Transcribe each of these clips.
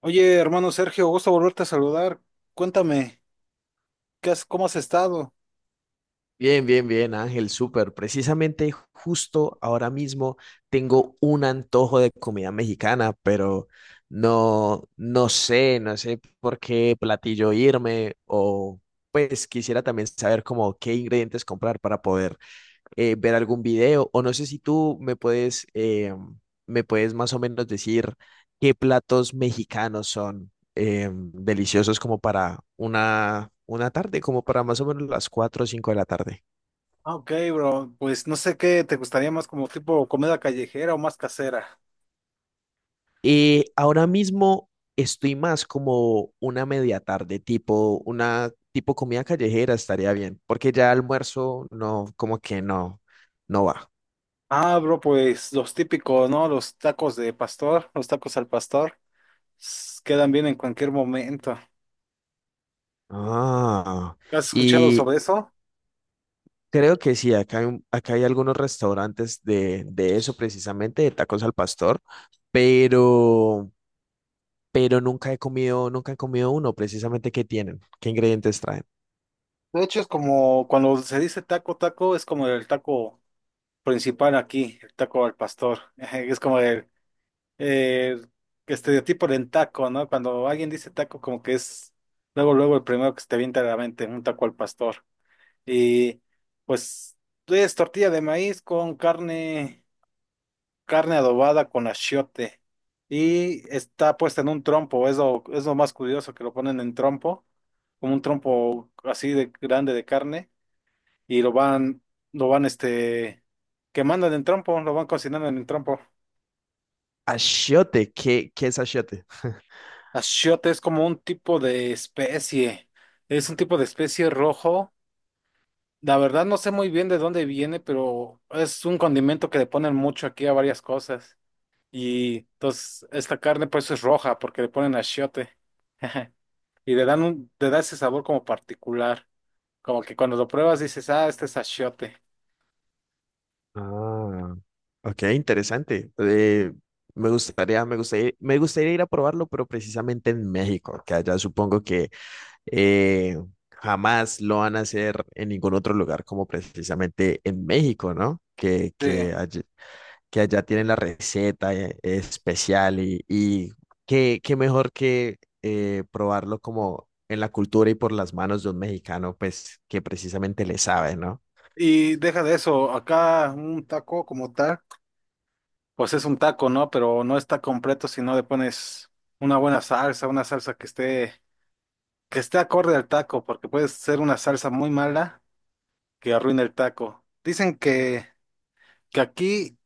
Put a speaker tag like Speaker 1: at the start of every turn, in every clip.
Speaker 1: Oye, hermano Sergio, gusto volverte a saludar. Cuéntame, cómo has estado?
Speaker 2: Bien, bien, bien, Ángel, súper. Precisamente justo ahora mismo tengo un antojo de comida mexicana, pero no, no sé por qué platillo irme o pues quisiera también saber como qué ingredientes comprar para poder ver algún video o no sé si tú me puedes más o menos decir qué platos mexicanos son deliciosos como para una tarde, como para más o menos las 4 o 5 de la tarde.
Speaker 1: Ok, bro, pues no sé qué te gustaría más como tipo comida callejera o más casera.
Speaker 2: Ahora mismo estoy más como una media tarde, tipo una tipo comida callejera estaría bien, porque ya almuerzo no, como que no, no va.
Speaker 1: Ah, bro, pues los típicos, ¿no? Los tacos al pastor, quedan bien en cualquier momento.
Speaker 2: Ah,
Speaker 1: ¿Has escuchado
Speaker 2: y
Speaker 1: sobre eso?
Speaker 2: creo que sí, acá hay algunos restaurantes de eso precisamente, de tacos al pastor, pero, pero nunca he comido uno precisamente que tienen, qué ingredientes traen.
Speaker 1: De hecho, es como cuando se dice taco, es como el taco principal aquí, el taco al pastor. Es como el estereotipo del taco, ¿no? Cuando alguien dice taco, como que es luego, luego el primero que se te viene a la mente, un taco al pastor. Y pues es tortilla de maíz con carne, carne adobada con achiote. Y está puesta en un trompo, es lo más curioso que lo ponen en trompo, como un trompo así de grande de carne y lo van quemando en el trompo, lo van cocinando en el trompo.
Speaker 2: Achiote, ¿qué es achiote?
Speaker 1: Achiote es como un tipo de especie, es un tipo de especie rojo. La verdad no sé muy bien de dónde viene, pero es un condimento que le ponen mucho aquí a varias cosas. Y entonces esta carne pues es roja porque le ponen achiote. Y le da ese sabor como particular. Como que cuando lo pruebas dices, ah, este es achiote.
Speaker 2: Ah, ok, interesante. Me gustaría ir a probarlo, pero precisamente en México, que allá supongo que eh, jamás lo van a hacer en ningún otro lugar como precisamente en México, ¿no? Que, que
Speaker 1: Sí.
Speaker 2: allí- que allá tienen la receta especial y qué mejor que probarlo como en la cultura y por las manos de un mexicano, pues que precisamente le sabe, ¿no?
Speaker 1: Y deja de eso, acá un taco como tal. Pues es un taco, ¿no? Pero no está completo si no le pones una buena salsa, una salsa que esté acorde al taco, porque puede ser una salsa muy mala que arruine el taco. Que aquí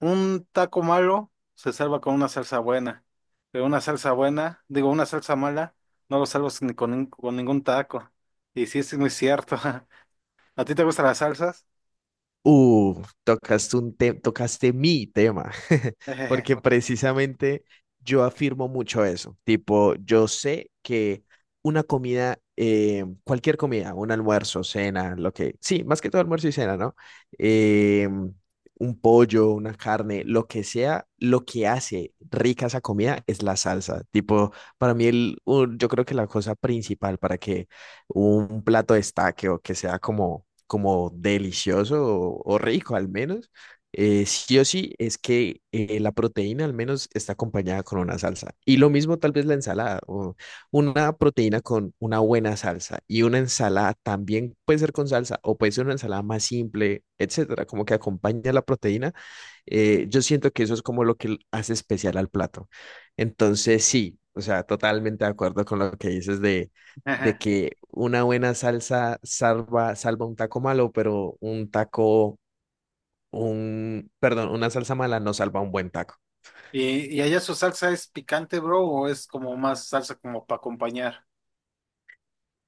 Speaker 1: un taco malo se salva con una salsa buena, pero una salsa mala, no lo salvas ni con, nin- con ningún taco. Y sí, sí es muy cierto. ¿A ti te gustan las salsas?
Speaker 2: Tocaste mi tema, porque precisamente yo afirmo mucho eso. Tipo, yo sé que cualquier comida, un almuerzo, cena, lo que, sí, más que todo almuerzo y cena, ¿no? Eh, un pollo, una carne, lo que sea, lo que hace rica esa comida es la salsa. Tipo, para mí, yo creo que la cosa principal para que un plato destaque o que sea como delicioso o rico al menos, sí o sí es que la proteína al menos está acompañada con una salsa. Y lo mismo tal vez la ensalada, o una proteína con una buena salsa y una ensalada también puede ser con salsa o puede ser una ensalada más simple, etcétera, como que acompaña la proteína. Yo siento que eso es como lo que hace especial al plato. Entonces, sí, o sea, totalmente de acuerdo con lo que dices de,
Speaker 1: Jejeje.
Speaker 2: que una buena salsa salva un taco malo, pero perdón, una salsa mala no salva un buen taco.
Speaker 1: ¿Y allá su salsa es picante, bro, o es como más salsa como para acompañar?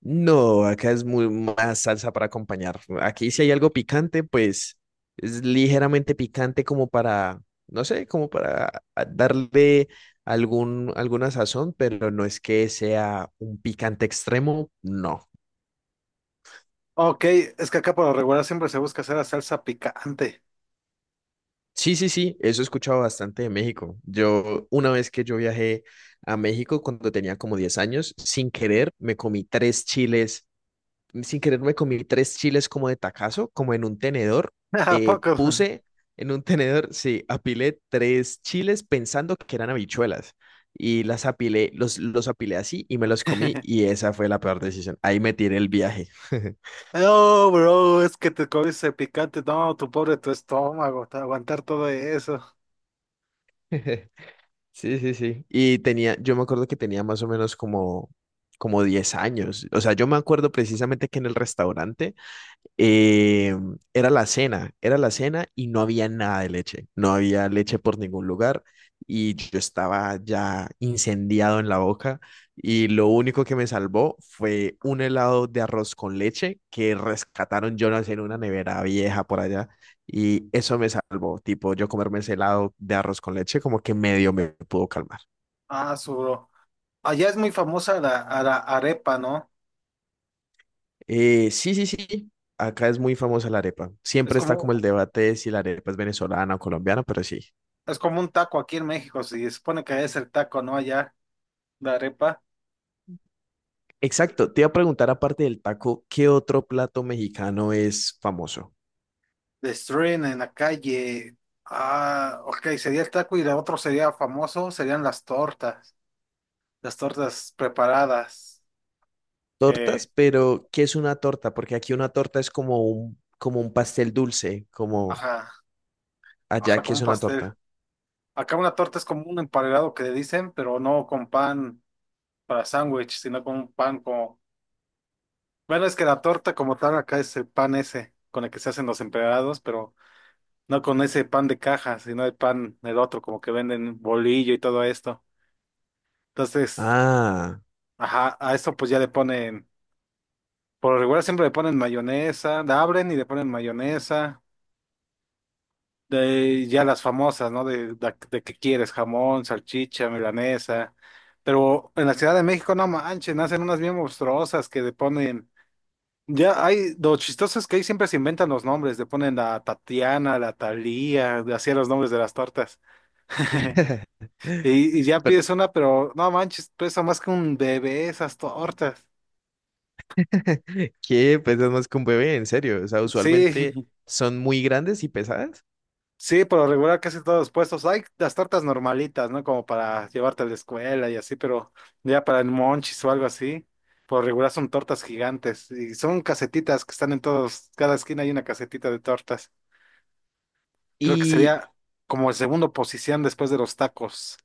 Speaker 2: No, acá es muy más salsa para acompañar. Aquí si hay algo picante, pues es ligeramente picante como para, no sé, como para darle alguna sazón, pero no es que sea un picante extremo, no.
Speaker 1: Ok, es que acá por lo regular siempre se busca hacer la salsa picante.
Speaker 2: Sí, sí, sí, eso he escuchado bastante de México. Una vez que yo viajé a México cuando tenía como 10 años, sin querer, me comí tres chiles sin querer me comí tres chiles como de tacazo, como en un tenedor.
Speaker 1: ¿A
Speaker 2: Eh,
Speaker 1: poco?
Speaker 2: puse en un tenedor, sí, apilé tres chiles pensando que eran habichuelas y los apilé así y me los comí y esa fue la peor decisión. Ahí me tiré el viaje.
Speaker 1: No, bro, es que te comiste picante. No, tu pobre tu estómago, te aguantar todo eso.
Speaker 2: Sí, sí, sí. Y yo me acuerdo que tenía más o menos como 10 años. O sea, yo me acuerdo precisamente que en el restaurante. Eh, era la cena, era la cena y no había nada de leche, no había leche por ningún lugar y yo estaba ya incendiado en la boca y lo único que me salvó fue un helado de arroz con leche que rescataron yo no sé, en una nevera vieja por allá y eso me salvó, tipo yo comerme ese helado de arroz con leche como que medio me pudo calmar.
Speaker 1: Ah, su bro. Allá es muy famosa a la arepa, ¿no?
Speaker 2: Sí, sí, sí. Acá es muy famosa la arepa.
Speaker 1: Es
Speaker 2: Siempre está como el
Speaker 1: como,
Speaker 2: debate de si la arepa es venezolana o colombiana, pero sí.
Speaker 1: es como un taco aquí en México, si se supone que allá es el taco, ¿no? Allá, la arepa.
Speaker 2: Exacto, te iba a preguntar aparte del taco, ¿qué otro plato mexicano es famoso?
Speaker 1: Destruyen en la calle. Ah, ok, sería el taco y la otro sería famoso, serían las tortas. Las tortas preparadas. eh,
Speaker 2: Tortas, pero ¿qué es una torta? Porque aquí una torta es como un pastel dulce, como
Speaker 1: ajá, ajá,
Speaker 2: allá, ¿qué
Speaker 1: como
Speaker 2: es
Speaker 1: un
Speaker 2: una
Speaker 1: pastel.
Speaker 2: torta?
Speaker 1: Acá una torta es como un emparedado que le dicen, pero no con pan para sándwich, sino con un pan como... Bueno, es que la torta como tal acá es el pan ese con el que se hacen los emparedados, pero no con ese pan de caja, sino el pan del otro, como que venden bolillo y todo esto. Entonces,
Speaker 2: Ah,
Speaker 1: ajá, a eso pues ya le ponen... Por lo regular siempre le ponen mayonesa, la abren y le ponen mayonesa, de ya las famosas, ¿no? De que quieres, jamón, salchicha, milanesa. Pero en la Ciudad de México, no manchen, hacen unas bien monstruosas que le ponen. Ya hay, lo chistoso es que ahí siempre se inventan los nombres, le ponen la Tatiana, la Thalía, así los nombres de las tortas. Y ya
Speaker 2: pero,
Speaker 1: pides una, pero no manches, pesa más que un bebé esas tortas.
Speaker 2: ¿qué? Pesas más que un bebé, en serio. O sea, usualmente
Speaker 1: Sí,
Speaker 2: son muy grandes y pesadas.
Speaker 1: sí, por lo regular casi todos los puestos. Hay las tortas normalitas, ¿no? Como para llevarte a la escuela y así, pero ya para el monchis o algo así, por lo regular son tortas gigantes y son casetitas que están en todos, cada esquina hay una casetita de tortas. Creo que
Speaker 2: Y...
Speaker 1: sería como el segundo posición después de los tacos.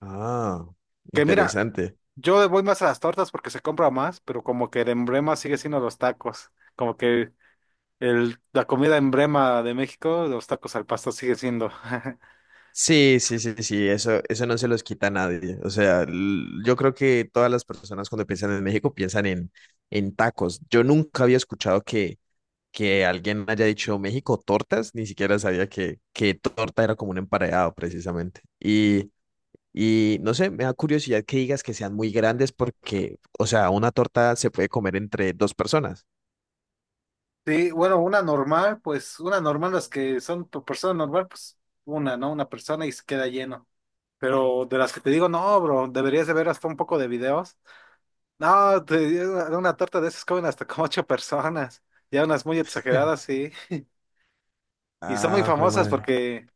Speaker 2: Ah,
Speaker 1: Que mira,
Speaker 2: interesante.
Speaker 1: yo voy más a las tortas porque se compra más, pero como que el emblema sigue siendo los tacos. Como que la comida emblema de México, los tacos al pastor sigue siendo.
Speaker 2: Sí, sí, sí, sí, sí, eso no se los quita a nadie. O sea, yo creo que todas las personas cuando piensan en México piensan en tacos. Yo nunca había escuchado que, alguien haya dicho México tortas, ni siquiera sabía que, torta era como un emparedado precisamente. Y no sé, me da curiosidad que digas que sean muy grandes porque, o sea, una torta se puede comer entre dos personas.
Speaker 1: Sí, bueno, pues una normal, las que son por persona normal, pues una, ¿no? Una persona y se queda lleno. Pero de las que te digo, no, bro, deberías de ver hasta un poco de videos. No, digo, una torta de esas comen hasta como ocho personas. Ya unas muy exageradas, sí. Y son muy
Speaker 2: Ah, jue
Speaker 1: famosas
Speaker 2: madre.
Speaker 1: porque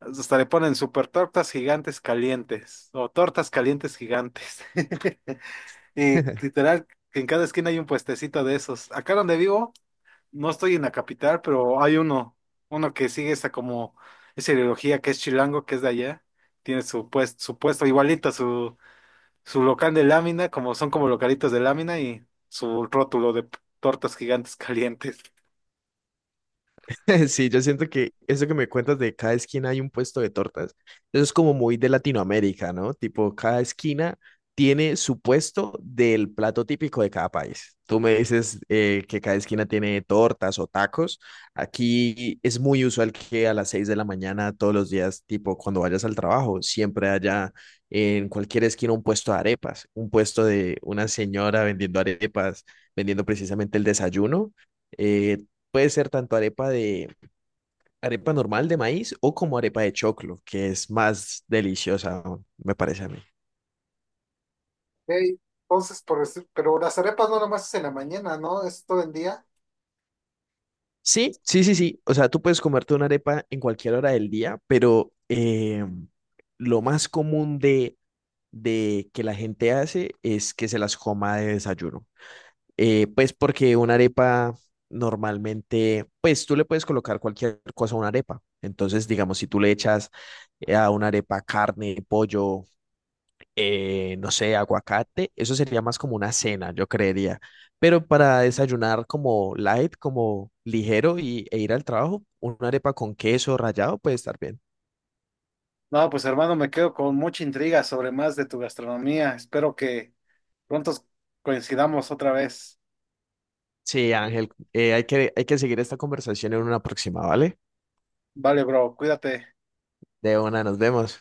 Speaker 1: hasta le ponen super tortas gigantes calientes o tortas calientes gigantes. Y literal, que en cada esquina hay un puestecito de esos. Acá donde vivo. No estoy en la capital, pero hay uno, uno que sigue esa como, esa ideología que es chilango, que es de allá. Tiene su puesto igualito, su local de lámina, como son como localitos de lámina y su rótulo de tortas gigantes calientes.
Speaker 2: Sí, yo siento que eso que me cuentas de cada esquina hay un puesto de tortas, eso es como muy de Latinoamérica, ¿no? Tipo, cada esquina tiene su puesto del plato típico de cada país. Tú me dices que cada esquina tiene tortas o tacos. Aquí es muy usual que a las 6 de la mañana todos los días, tipo cuando vayas al trabajo, siempre haya en cualquier esquina un puesto de arepas, un puesto de una señora vendiendo arepas, vendiendo precisamente el desayuno. Eh, Puede ser tanto arepa normal de maíz o como arepa de choclo, que es más deliciosa, aún, me parece a mí.
Speaker 1: Ey, Entonces, por decir- pero las arepas no nomás es en la mañana, ¿no? Es todo el día.
Speaker 2: Sí, sí, sí, sí. O sea, tú puedes comerte una arepa en cualquier hora del día, pero lo más común de que la gente hace es que se las coma de desayuno. Pues porque una arepa normalmente, pues tú le puedes colocar cualquier cosa a una arepa. Entonces, digamos, si tú le echas a una arepa carne, pollo, no sé, aguacate, eso sería más como una cena, yo creería. Pero para desayunar como light, como ligero y, e ir al trabajo, una arepa con queso rallado puede estar bien.
Speaker 1: No, pues hermano, me quedo con mucha intriga sobre más de tu gastronomía. Espero que pronto coincidamos otra vez.
Speaker 2: Sí,
Speaker 1: Sí.
Speaker 2: Ángel, hay que seguir esta conversación en una próxima, ¿vale?
Speaker 1: Vale, bro, cuídate.
Speaker 2: De una, nos vemos.